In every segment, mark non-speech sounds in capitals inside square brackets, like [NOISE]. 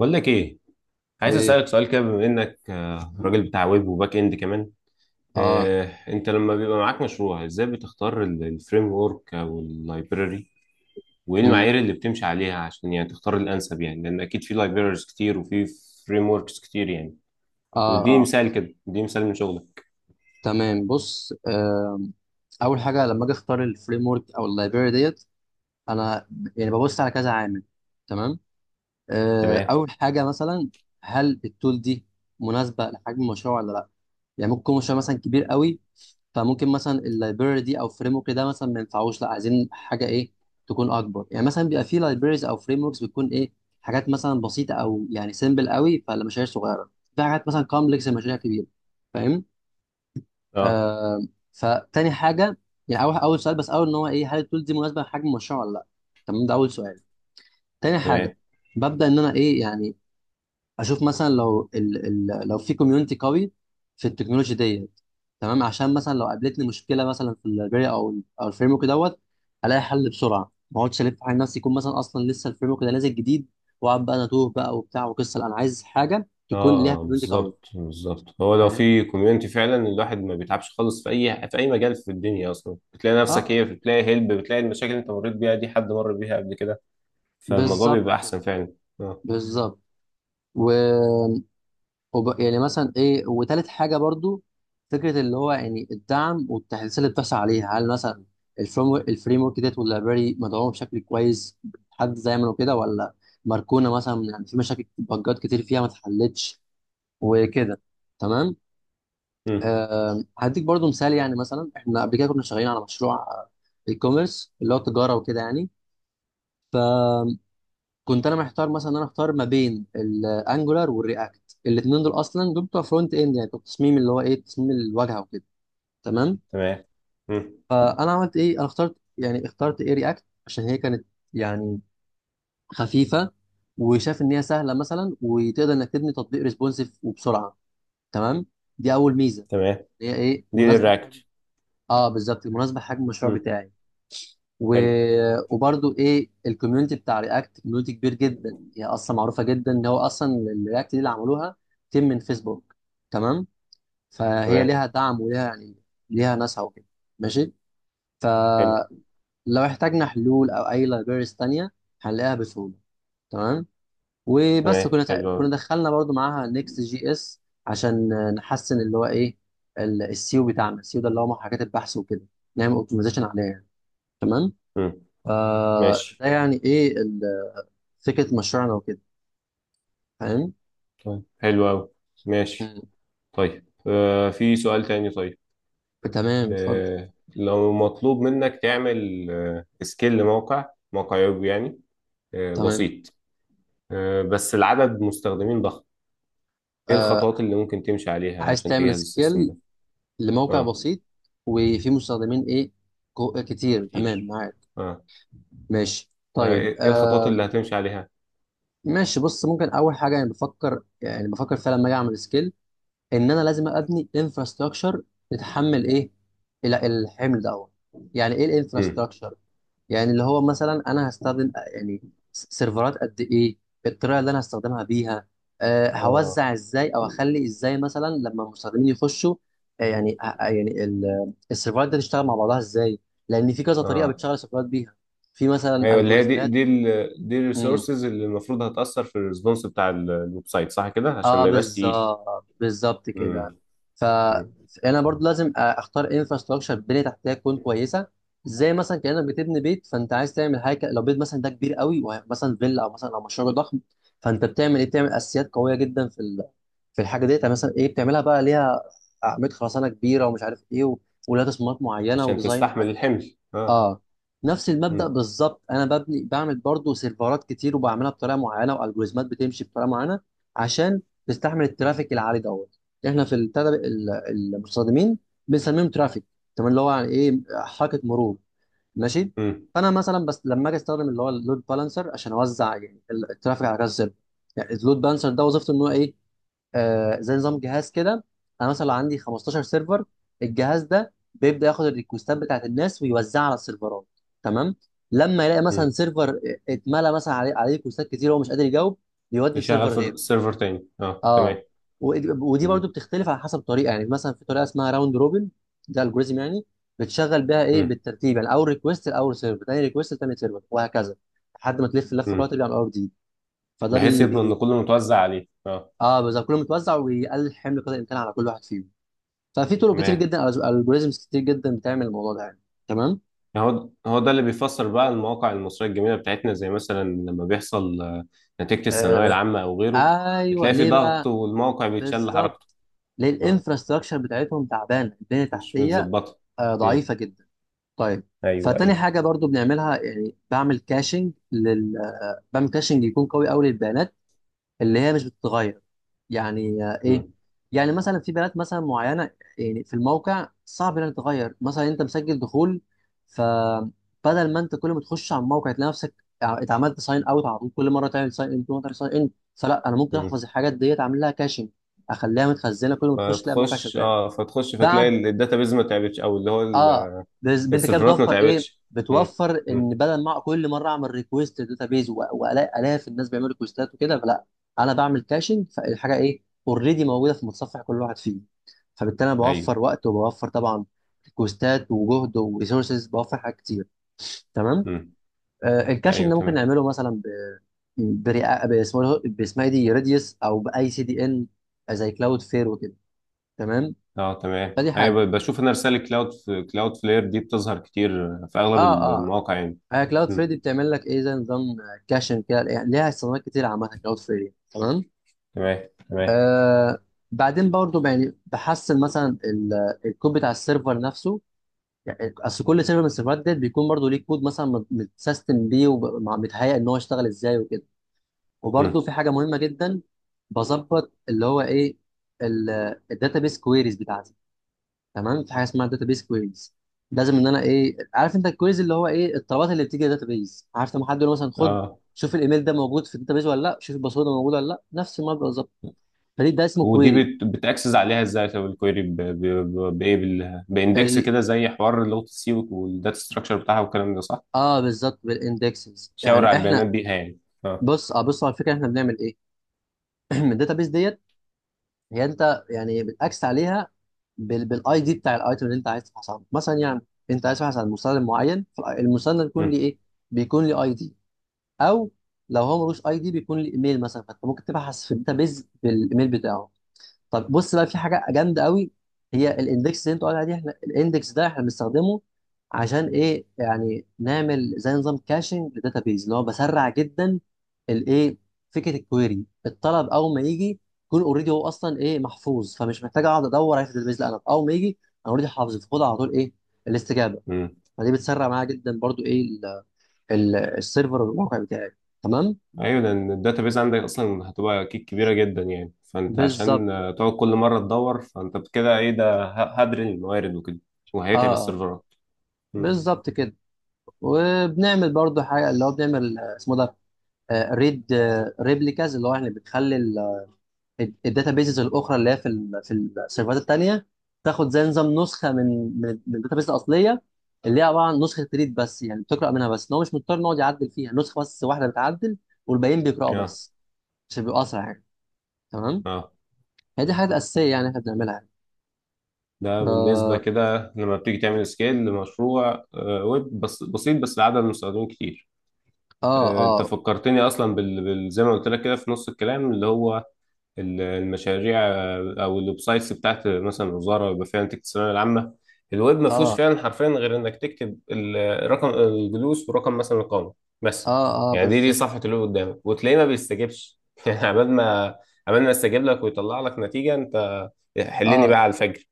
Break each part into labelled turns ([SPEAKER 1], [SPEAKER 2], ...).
[SPEAKER 1] بقول لك ايه. عايز
[SPEAKER 2] ايه.
[SPEAKER 1] اسالك سؤال كده بما انك راجل بتاع ويب وباك اند كمان.
[SPEAKER 2] اه.
[SPEAKER 1] انت لما بيبقى معاك مشروع ازاي بتختار الفريم ورك او اللايبراري، وايه
[SPEAKER 2] امم
[SPEAKER 1] المعايير اللي بتمشي عليها عشان يعني تختار الانسب؟ يعني لان اكيد في لايبراريز كتير وفي فريم وركس كتير يعني.
[SPEAKER 2] اه
[SPEAKER 1] واديني
[SPEAKER 2] اه.
[SPEAKER 1] مثال كده، اديني مثال من شغلك.
[SPEAKER 2] تمام. بص، اول حاجه لما اجي اختار الفريم ورك او اللايبراري ديت انا يعني ببص على كذا عامل. تمام.
[SPEAKER 1] تمام.
[SPEAKER 2] اول حاجه مثلا هل التول دي مناسبه لحجم المشروع ولا لا؟ يعني ممكن يكون مشروع مثلا كبير قوي، فممكن مثلا اللايبراري دي او فريم ورك ده مثلا ما ينفعوش، لا عايزين حاجه ايه، تكون اكبر. يعني مثلا بيبقى في لايبراريز او فريم وركس بتكون ايه، حاجات مثلا بسيطه او يعني سيمبل قوي فالمشاريع صغيره، في حاجات مثلا كومبلكس المشاريع كبيره. فاهم.
[SPEAKER 1] اه.
[SPEAKER 2] آه. فتاني حاجه، يعني اول سؤال، بس اول ان هو ايه، هل التول دي مناسبه لحجم المشروع ولا لا. تمام، ده اول سؤال. تاني حاجه،
[SPEAKER 1] تمام.
[SPEAKER 2] ببدا ان انا ايه يعني اشوف مثلا لو ال لو في كوميونتي قوي في التكنولوجي ديت. تمام، عشان مثلا لو قابلتني مشكله مثلا في اللايبراري او او الفريم ورك دوت، الاقي حل بسرعه ما اقعدش الف على نفسي، يكون مثلا اصلا لسه الفريم ورك ده نازل جديد واقعد بقى انا توه بقى وبتاع وقصه. لا، انا عايز حاجه تكون ليها
[SPEAKER 1] اه
[SPEAKER 2] كوميونتي قوي.
[SPEAKER 1] بالظبط بالظبط، هو لو
[SPEAKER 2] فاهم.
[SPEAKER 1] في كوميونتي فعلا الواحد ما بيتعبش خالص في اي في اي مجال في الدنيا، اصلا بتلاقي نفسك ايه،
[SPEAKER 2] اه
[SPEAKER 1] بتلاقي هيلب، بتلاقي المشاكل اللي انت مريت بيها دي حد مر بيها قبل كده. فالموضوع
[SPEAKER 2] بالظبط
[SPEAKER 1] بيبقى
[SPEAKER 2] كده.
[SPEAKER 1] احسن فعلا. اه.
[SPEAKER 2] بالظبط. و يعني مثلا ايه، وتالت حاجه برضو، فكره اللي هو يعني الدعم والتحديثات اللي بتحصل عليها. هل مثلا الفريم ورك ديت واللايبراري مدعومه بشكل كويس، حد زي ما كده، ولا مركونه مثلا يعني في مشاكل بجات كتير فيها ما اتحلتش وكده. تمام.
[SPEAKER 1] امم.
[SPEAKER 2] آه، هديك برضو مثال. يعني مثلا احنا قبل كده كنا شغالين على مشروع اي كوميرس، اللي هو تجاره وكده يعني. كنت انا محتار مثلا إن انا اختار ما بين الانجولار والرياكت. الاثنين دول اصلا دول بتوع فرونت اند، يعني بتوع التصميم اللي هو ايه، تصميم الواجهه وكده. تمام.
[SPEAKER 1] تمام. امم.
[SPEAKER 2] فانا عملت ايه، انا اخترت يعني اخترت ايه، رياكت، عشان هي كانت يعني خفيفه، وشاف ان هي سهله مثلا، وتقدر انك تبني تطبيق ريسبونسيف وبسرعه. تمام. دي اول ميزه.
[SPEAKER 1] تمام،
[SPEAKER 2] هي ايه
[SPEAKER 1] دي
[SPEAKER 2] مناسبه لحجم.
[SPEAKER 1] للرياكت.
[SPEAKER 2] اه بالظبط، مناسبه لحجم المشروع
[SPEAKER 1] امم.
[SPEAKER 2] بتاعي. و...
[SPEAKER 1] حلو.
[SPEAKER 2] وبرضو ايه، الكوميونتي بتاع رياكت كوميونتي كبير جدا، هي اصلا معروفه جدا ان هو اصلا الرياكت دي اللي عملوها تيم من فيسبوك. تمام. فهي
[SPEAKER 1] تمام.
[SPEAKER 2] ليها دعم وليها يعني ليها ناسها وكده. ماشي.
[SPEAKER 1] حلو.
[SPEAKER 2] فلو احتاجنا حلول او اي لايبريز تانية هنلاقيها بسهوله. تمام. وبس
[SPEAKER 1] تمام.
[SPEAKER 2] كنا
[SPEAKER 1] حلو قوي.
[SPEAKER 2] كنا دخلنا برضو معاها نيكست جي اس، عشان نحسن اللي هو ايه، السيو بتاعنا. السيو ده اللي هو محركات البحث وكده، نعمل اوبتمايزيشن عليها يعني. تمام.
[SPEAKER 1] امم.
[SPEAKER 2] فده
[SPEAKER 1] ماشي.
[SPEAKER 2] يعني ايه، فكرة مشروعنا وكده. فاهم؟
[SPEAKER 1] طيب حلو قوي. ماشي.
[SPEAKER 2] مم.
[SPEAKER 1] طيب في سؤال تاني. طيب
[SPEAKER 2] تمام اتفضل.
[SPEAKER 1] لو مطلوب منك تعمل سكيل لموقع، موقع ويب يعني،
[SPEAKER 2] تمام
[SPEAKER 1] بسيط، بس العدد مستخدمين ضخم. ايه الخطوات
[SPEAKER 2] آه.
[SPEAKER 1] اللي ممكن تمشي عليها
[SPEAKER 2] عايز
[SPEAKER 1] عشان
[SPEAKER 2] تعمل
[SPEAKER 1] تجهز السيستم
[SPEAKER 2] سكيل
[SPEAKER 1] ده؟
[SPEAKER 2] لموقع
[SPEAKER 1] اه.
[SPEAKER 2] بسيط وفيه مستخدمين ايه، كتير. تمام
[SPEAKER 1] كتير.
[SPEAKER 2] معاك.
[SPEAKER 1] اه.
[SPEAKER 2] ماشي
[SPEAKER 1] آه،
[SPEAKER 2] طيب
[SPEAKER 1] ايه إيه الخطوات
[SPEAKER 2] آه.
[SPEAKER 1] اللي هتمشي عليها؟
[SPEAKER 2] ماشي. بص، ممكن اول حاجة، يعني بفكر يعني بفكر فعلا لما اجي اعمل سكيل، ان انا لازم ابني انفراستراكشر يتحمل ايه، الحمل ده، أول. يعني ايه
[SPEAKER 1] امم.
[SPEAKER 2] الانفراستراكشر؟ يعني اللي هو مثلا انا هستخدم يعني سيرفرات قد ايه، الطريقه اللي انا هستخدمها بيها، أه
[SPEAKER 1] اه.
[SPEAKER 2] هوزع ازاي، او اخلي ازاي مثلا لما المستخدمين يخشوا. يعني السيرفرات دي تشتغل مع بعضها ازاي، لان في كذا طريقه
[SPEAKER 1] اه.
[SPEAKER 2] بتشغل السيرفرات بيها، في مثلا
[SPEAKER 1] ايوه، اللي هي دي
[SPEAKER 2] الجوريزمات.
[SPEAKER 1] دي ال دي الريسورسز اللي المفروض هتأثر في الريسبونس بتاع الويب سايت، صح كده؟ عشان
[SPEAKER 2] اه
[SPEAKER 1] ما يبقاش تقيل.
[SPEAKER 2] بالظبط كده.
[SPEAKER 1] امم.
[SPEAKER 2] ف-
[SPEAKER 1] أمم.
[SPEAKER 2] فانا برضو لازم اختار انفراستراكشر، بنيه تحتيه تكون كويسه. زي مثلا كانك بتبني بيت، فانت عايز تعمل حاجه لو بيت مثلا ده كبير قوي ومثلا فيلا او مثلا او مشروع ضخم، فانت بتعمل ايه، بتعمل اساسيات قويه جدا في في الحاجه ديت. يعني مثلا ايه، بتعملها بقى ليها اعمده خرسانه كبيره ومش عارف ايه ولها تصميمات معينه
[SPEAKER 1] عشان
[SPEAKER 2] وديزاين.
[SPEAKER 1] تستحمل الحمل، اه.
[SPEAKER 2] اه. نفس المبدأ
[SPEAKER 1] امم.
[SPEAKER 2] بالظبط، انا ببني بعمل برضو سيرفرات كتير وبعملها بطريقه معينه، والجوريزمات بتمشي بطريقه معينه، عشان تستحمل الترافيك العالي دوت. احنا في المستخدمين بنسميهم ترافيك. تمام، اللي هو يعني ايه، حركه مرور. ماشي.
[SPEAKER 1] امم.
[SPEAKER 2] فانا مثلا بس لما اجي استخدم اللي هو اللود بالانسر، عشان اوزع يعني الترافيك على كذا سيرفر. يعني اللود بالانسر ده وظيفته ان هو ايه، زي نظام جهاز كده. انا مثلا عندي 15 سيرفر، الجهاز ده بيبدا ياخد الريكوستات بتاعت الناس ويوزعها على السيرفرات. تمام. لما يلاقي مثلا
[SPEAKER 1] أمم.
[SPEAKER 2] سيرفر اتملى مثلا عليه ريكوستات كتير وهو مش قادر يجاوب، يودي
[SPEAKER 1] يشغل
[SPEAKER 2] السيرفر
[SPEAKER 1] في
[SPEAKER 2] غيره.
[SPEAKER 1] السيرفر تاني، اه
[SPEAKER 2] اه.
[SPEAKER 1] تمام.
[SPEAKER 2] ودي برضو
[SPEAKER 1] امم.
[SPEAKER 2] بتختلف على حسب طريقه. يعني مثلا في طريقه اسمها راوند روبن، ده الجوريزم يعني، بتشغل بيها ايه،
[SPEAKER 1] امم.
[SPEAKER 2] بالترتيب. يعني اول ريكوست لاول سيرفر، تاني ريكوست لتاني سيرفر، وهكذا، لحد ما تلف اللفه كلها
[SPEAKER 1] أمم.
[SPEAKER 2] ترجع للاول جديد. فده
[SPEAKER 1] بحيث
[SPEAKER 2] بي,
[SPEAKER 1] يضمن ان
[SPEAKER 2] بي...
[SPEAKER 1] كله متوزع عليه، اه.
[SPEAKER 2] اه بالظبط، كله متوزع ويقلل حمل قدر الامكان على كل واحد فيهم. ففي طرق كتير
[SPEAKER 1] تمام.
[SPEAKER 2] جدا، الجوريزمز كتير جدا بتعمل الموضوع ده يعني. تمام.
[SPEAKER 1] هو ده اللي بيفسر بقى المواقع المصرية الجميلة بتاعتنا، زي مثلا لما بيحصل نتيجة الثانوية
[SPEAKER 2] آه
[SPEAKER 1] العامة أو غيره،
[SPEAKER 2] ايوه.
[SPEAKER 1] بتلاقي في
[SPEAKER 2] ليه
[SPEAKER 1] ضغط
[SPEAKER 2] بقى؟
[SPEAKER 1] والموقع بيتشل حركته.
[SPEAKER 2] بالظبط. ليه؟
[SPEAKER 1] آه،
[SPEAKER 2] الانفراستراكشر بتاعتهم تعبانه، البنيه
[SPEAKER 1] مش
[SPEAKER 2] التحتيه
[SPEAKER 1] متظبطة.
[SPEAKER 2] آه
[SPEAKER 1] مم،
[SPEAKER 2] ضعيفه جدا. طيب.
[SPEAKER 1] ايوه
[SPEAKER 2] فتاني
[SPEAKER 1] ايوه.
[SPEAKER 2] حاجه برضو بنعملها، يعني بعمل كاشنج لل، بعمل كاشنج يكون قوي قوي للبيانات اللي هي مش بتتغير. يعني آه، ايه،
[SPEAKER 1] مم،
[SPEAKER 2] يعني مثلا في بنات مثلا معينه، يعني في الموقع صعب انها تتغير. مثلا انت مسجل دخول، فبدل ما انت كل ما تخش على الموقع تلاقي نفسك اتعملت ساين اوت على طول، كل مره تعمل ساين ان فلا، انا ممكن
[SPEAKER 1] مم.
[SPEAKER 2] احفظ الحاجات ديت، اعمل لها كاشنج، اخليها متخزنه، كل ما تخش تلاقي الموقع
[SPEAKER 1] فتخش
[SPEAKER 2] شغال.
[SPEAKER 1] اه فتخش فتلاقي
[SPEAKER 2] بعد،
[SPEAKER 1] الداتابيز ما تعبتش، أو اللي هو
[SPEAKER 2] اه. انت كده
[SPEAKER 1] السيرفرات ما
[SPEAKER 2] بتوفر ايه،
[SPEAKER 1] تعبتش. مم،
[SPEAKER 2] بتوفر ان
[SPEAKER 1] مم.
[SPEAKER 2] بدل ما كل مره اعمل ريكويست داتابيز والاقي الاف الناس بيعملوا ريكويستات وكده، فلا، انا بعمل كاشنج، فالحاجه ايه، اوريدي موجوده في متصفح كل واحد فيه. فبالتالي انا
[SPEAKER 1] أيوه.
[SPEAKER 2] بوفر وقت، وبوفر طبعا ريكوستات وجهد وريسورسز، بوفر حاجات كتير. تمام.
[SPEAKER 1] مم،
[SPEAKER 2] آه، الكاشنج
[SPEAKER 1] أيوه
[SPEAKER 2] ده ممكن
[SPEAKER 1] تمام.
[SPEAKER 2] نعمله مثلا ب، باسمه، باسمها إيه دي، ريديوس، او باي سي دي ان، زي كلاود فير وكده. تمام.
[SPEAKER 1] اه تمام.
[SPEAKER 2] فدي حاجه.
[SPEAKER 1] أيوه بشوف أنا رسالة كلاود، كلاود فلير دي بتظهر كتير في
[SPEAKER 2] اه
[SPEAKER 1] أغلب
[SPEAKER 2] آه.
[SPEAKER 1] المواقع يعني.
[SPEAKER 2] آه كلاود
[SPEAKER 1] مم،
[SPEAKER 2] فريدي بتعمل لك ايه، زي نظام كاشن كده يعني، ليها استخدامات كتير عامه كلاود فريدي. تمام.
[SPEAKER 1] تمام تمام.
[SPEAKER 2] آه. بعدين برضو يعني بحسن مثلا الكود بتاع السيرفر نفسه. يعني اصل كل سيرفر من السيرفرات ديت بيكون برضو ليه كود مثلا متسيستم بيه ومتهيأ ان هو يشتغل ازاي وكده. وبرضو
[SPEAKER 1] مم.
[SPEAKER 2] في حاجه مهمه جدا بظبط اللي هو ايه، الداتابيس كويريز بتاعتي. تمام. في حاجه اسمها داتابيس كويريز، لازم ان انا ايه، عارف انت الكويريز اللي هو ايه، الطلبات اللي بتيجي داتابيس. عارف لما حد يقول مثلا خد،
[SPEAKER 1] اه.
[SPEAKER 2] شوف الايميل ده موجود في الداتابيس ولا لا، شوف الباسورد ده موجود ولا لا، نفس المبدا بالظبط. فدي ده اسمه
[SPEAKER 1] ودي
[SPEAKER 2] كويري.
[SPEAKER 1] بتاكسس عليها ازاي؟ طب الكويري بايه؟ باندكس
[SPEAKER 2] ال...
[SPEAKER 1] كده زي حوار لغه السي والداتا ستراكشر بتاعها والكلام ده، صح؟
[SPEAKER 2] اه بالظبط، بالاندكسز.
[SPEAKER 1] شاور
[SPEAKER 2] يعني
[SPEAKER 1] على
[SPEAKER 2] احنا،
[SPEAKER 1] البيانات بيها يعني. اه.
[SPEAKER 2] بص، اه بص على الفكره، احنا بنعمل ايه، [CLEARS THROAT] الداتابيس ديت هي انت يعني بتاكس عليها بالاي دي بتاع الايتم اللي انت عايز تبحث عنه. مثلا يعني انت عايز تبحث عن مستند معين، فالمستند بيكون ليه
[SPEAKER 1] امم.
[SPEAKER 2] ايه، بيكون ليه اي دي، او لو هو ملوش اي دي بيكون ليه ايميل مثلا، فانت ممكن تبحث في الداتابيز بالايميل بتاعه. طب بص بقى، في حاجه جامده قوي، هي الاندكس اللي انت قاعد عليها دي. احنا الاندكس ده احنا بنستخدمه عشان ايه، يعني نعمل زي نظام كاشنج للداتابيز، اللي هو بسرع جدا الايه، فكره الكويري، الطلب اول ما يجي يكون اوريدي هو اصلا ايه، محفوظ. فمش محتاج اقعد ادور عليه في الداتابيز، لا، انا اول ما يجي انا اوريدي حافظه، فخد على طول ايه، الاستجابه.
[SPEAKER 1] امم.
[SPEAKER 2] فدي بتسرع معايا جدا برضو ايه، السيرفر والموقع بتاعي. تمام.
[SPEAKER 1] ايوه لان الداتا بيز عندك اصلا هتبقى اكيد كبيره جدا يعني، فانت
[SPEAKER 2] بالظبط.
[SPEAKER 1] عشان تقعد كل مره تدور فانت كده ايه ده، هدري الموارد وكده. وهيتعب
[SPEAKER 2] اه
[SPEAKER 1] السيرفرات. امم.
[SPEAKER 2] بالظبط كده. وبنعمل برضو حاجه، اللي هو بنعمل اسمه ده، ريد ريبليكاز، اللي هو يعني بنخلي الداتا بيزز الاخرى اللي هي في في السيرفرات التانيه تاخد زي نظام نسخه من من الداتا بيز الاصليه، اللي هي عباره عن نسخه ريد بس، يعني بتقرا منها بس، ان هو مش مضطر إن هو يقعد يعدل فيها. نسخه بس واحده بتعدل والباقيين بيقراوا
[SPEAKER 1] اه.
[SPEAKER 2] بس، عشان بيبقوا اسرع يعني. تمام.
[SPEAKER 1] اه.
[SPEAKER 2] هي دي حاجات اساسيه يعني احنا بنعملها يعني.
[SPEAKER 1] ده بالنسبه
[SPEAKER 2] اه.
[SPEAKER 1] كده لما بتيجي تعمل سكيل لمشروع ويب بس بسيط بس لعدد المستخدمين كتير.
[SPEAKER 2] اه.
[SPEAKER 1] انت
[SPEAKER 2] اه.
[SPEAKER 1] فكرتني اصلا زي ما قلت لك كده في نص الكلام، اللي هو المشاريع او الويب سايتس بتاعت مثلا الوزاره، يبقى فيها نتيجه الثانويه العامه. الويب ما فيهوش
[SPEAKER 2] اه.
[SPEAKER 1] فعلا حرفيا غير انك تكتب الرقم الجلوس ورقم مثلا القامه بس.
[SPEAKER 2] اه, آه
[SPEAKER 1] يعني دي
[SPEAKER 2] بالظبط.
[SPEAKER 1] صفحه الويب قدامك وتلاقيه ما بيستجيبش [LAUGHS] يعني عبال ما يستجيب لك ويطلع لك نتيجه، انت حلني بقى
[SPEAKER 2] اه
[SPEAKER 1] على الفجر.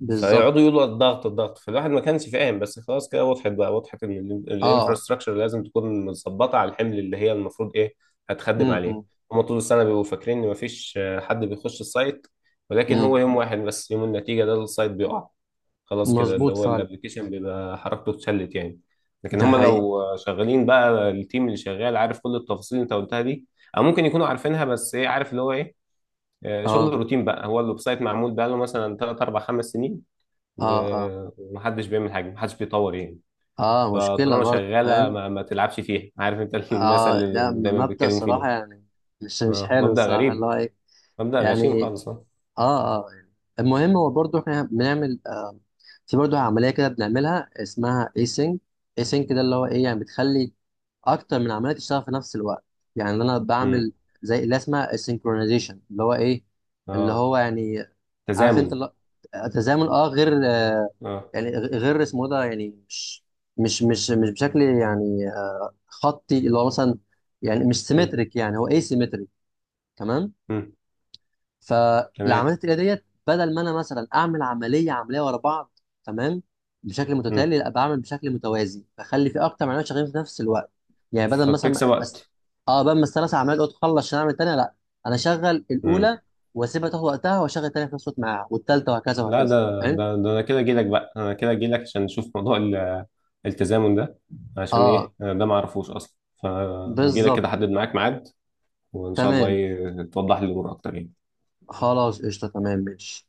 [SPEAKER 2] بالظبط.
[SPEAKER 1] فيقعدوا يقولوا الضغط الضغط، فالواحد ما كانش فاهم، بس خلاص كده وضحت، بقى وضحت ان
[SPEAKER 2] اه.
[SPEAKER 1] الانفراستراكشر لازم تكون متظبطه على الحمل اللي هي المفروض ايه، هتخدم عليه.
[SPEAKER 2] امم
[SPEAKER 1] هما طول السنه بيبقوا فاكرين ان مفيش حد بيخش السايت، ولكن هو
[SPEAKER 2] امم
[SPEAKER 1] يوم واحد بس، يوم النتيجه ده السايت بيقع. خلاص كده اللي
[SPEAKER 2] مظبوط
[SPEAKER 1] هو
[SPEAKER 2] فعلا.
[SPEAKER 1] الابلكيشن بيبقى حركته اتشلت يعني. لكن
[SPEAKER 2] ده
[SPEAKER 1] هما
[SPEAKER 2] حقيقي.
[SPEAKER 1] لو شغالين بقى، التيم اللي شغال عارف كل التفاصيل اللي انت قلتها دي، او ممكن يكونوا عارفينها بس ايه، عارف اللي هو ايه، شغل
[SPEAKER 2] اه
[SPEAKER 1] روتين بقى. هو الويب سايت معمول بقى له مثلا 3 4 5 سنين
[SPEAKER 2] اه. اه
[SPEAKER 1] ومحدش بيعمل حاجه، محدش بيطور يعني.
[SPEAKER 2] اه مشكلة
[SPEAKER 1] فطالما
[SPEAKER 2] برضو
[SPEAKER 1] شغاله
[SPEAKER 2] فاهم.
[SPEAKER 1] ما تلعبش فيها، عارف انت [LAUGHS] الناس
[SPEAKER 2] اه
[SPEAKER 1] اللي
[SPEAKER 2] لا،
[SPEAKER 1] دايما
[SPEAKER 2] مبدأ
[SPEAKER 1] بيتكلموا فيه ده.
[SPEAKER 2] صراحة يعني مش مش حلو
[SPEAKER 1] مبدأ
[SPEAKER 2] الصراحة اللي
[SPEAKER 1] غريب،
[SPEAKER 2] هو ايه
[SPEAKER 1] مبدأ غشيم
[SPEAKER 2] يعني.
[SPEAKER 1] خالص، اه.
[SPEAKER 2] اه اه. المهم هو برضو احنا بنعمل آه، في برضو عملية كده بنعملها اسمها ايسينج. ايسينج ده اللي هو ايه يعني، بتخلي اكتر من عملية تشتغل في نفس الوقت. يعني انا
[SPEAKER 1] مم.
[SPEAKER 2] بعمل زي اللي اسمها السينكرونايزيشن، اللي هو ايه، اللي
[SPEAKER 1] اه.
[SPEAKER 2] هو يعني عارف انت
[SPEAKER 1] تزامن.
[SPEAKER 2] اللي هو تزامن اه. غير،
[SPEAKER 1] اه.
[SPEAKER 2] يعني غير اسمه ده، يعني مش مش بشكل يعني خطي اللي هو مثلا، يعني مش
[SPEAKER 1] مم.
[SPEAKER 2] سيمتريك، يعني هو اي سيمتريك. تمام.
[SPEAKER 1] مم.
[SPEAKER 2] فالعمليه
[SPEAKER 1] تمام.
[SPEAKER 2] التقليديه ديت بدل ما انا مثلا اعمل عمليه عمليه ورا بعض، تمام، بشكل
[SPEAKER 1] مم.
[SPEAKER 2] متتالي، لا بعمل بشكل متوازي، بخلي في اكتر من عمليه شغالين في نفس الوقت. يعني بدل
[SPEAKER 1] فبتكسب
[SPEAKER 2] مثلا
[SPEAKER 1] وقت.
[SPEAKER 2] اه بدل ما ال3 عمليات دول تخلص عشان اعمل الثانيه، لا، انا اشغل الاولى
[SPEAKER 1] مم.
[SPEAKER 2] واسيبها تاخد وقتها، واشغل الثانيه في نفس الوقت معاها، والثالثه، وهكذا
[SPEAKER 1] لا،
[SPEAKER 2] وهكذا.
[SPEAKER 1] ده
[SPEAKER 2] فاهم.
[SPEAKER 1] ده ده انا كده اجيلك بقى، انا كده اجيلك عشان نشوف موضوع التزامن ده، عشان
[SPEAKER 2] اه
[SPEAKER 1] ايه أنا ده ما اعرفوش اصلا. فاجيلك كده
[SPEAKER 2] بالظبط.
[SPEAKER 1] احدد معاك ميعاد، وان شاء الله
[SPEAKER 2] تمام.
[SPEAKER 1] توضح لي الامور اكتر يعني.
[SPEAKER 2] خلاص قشطة تمام ماشي.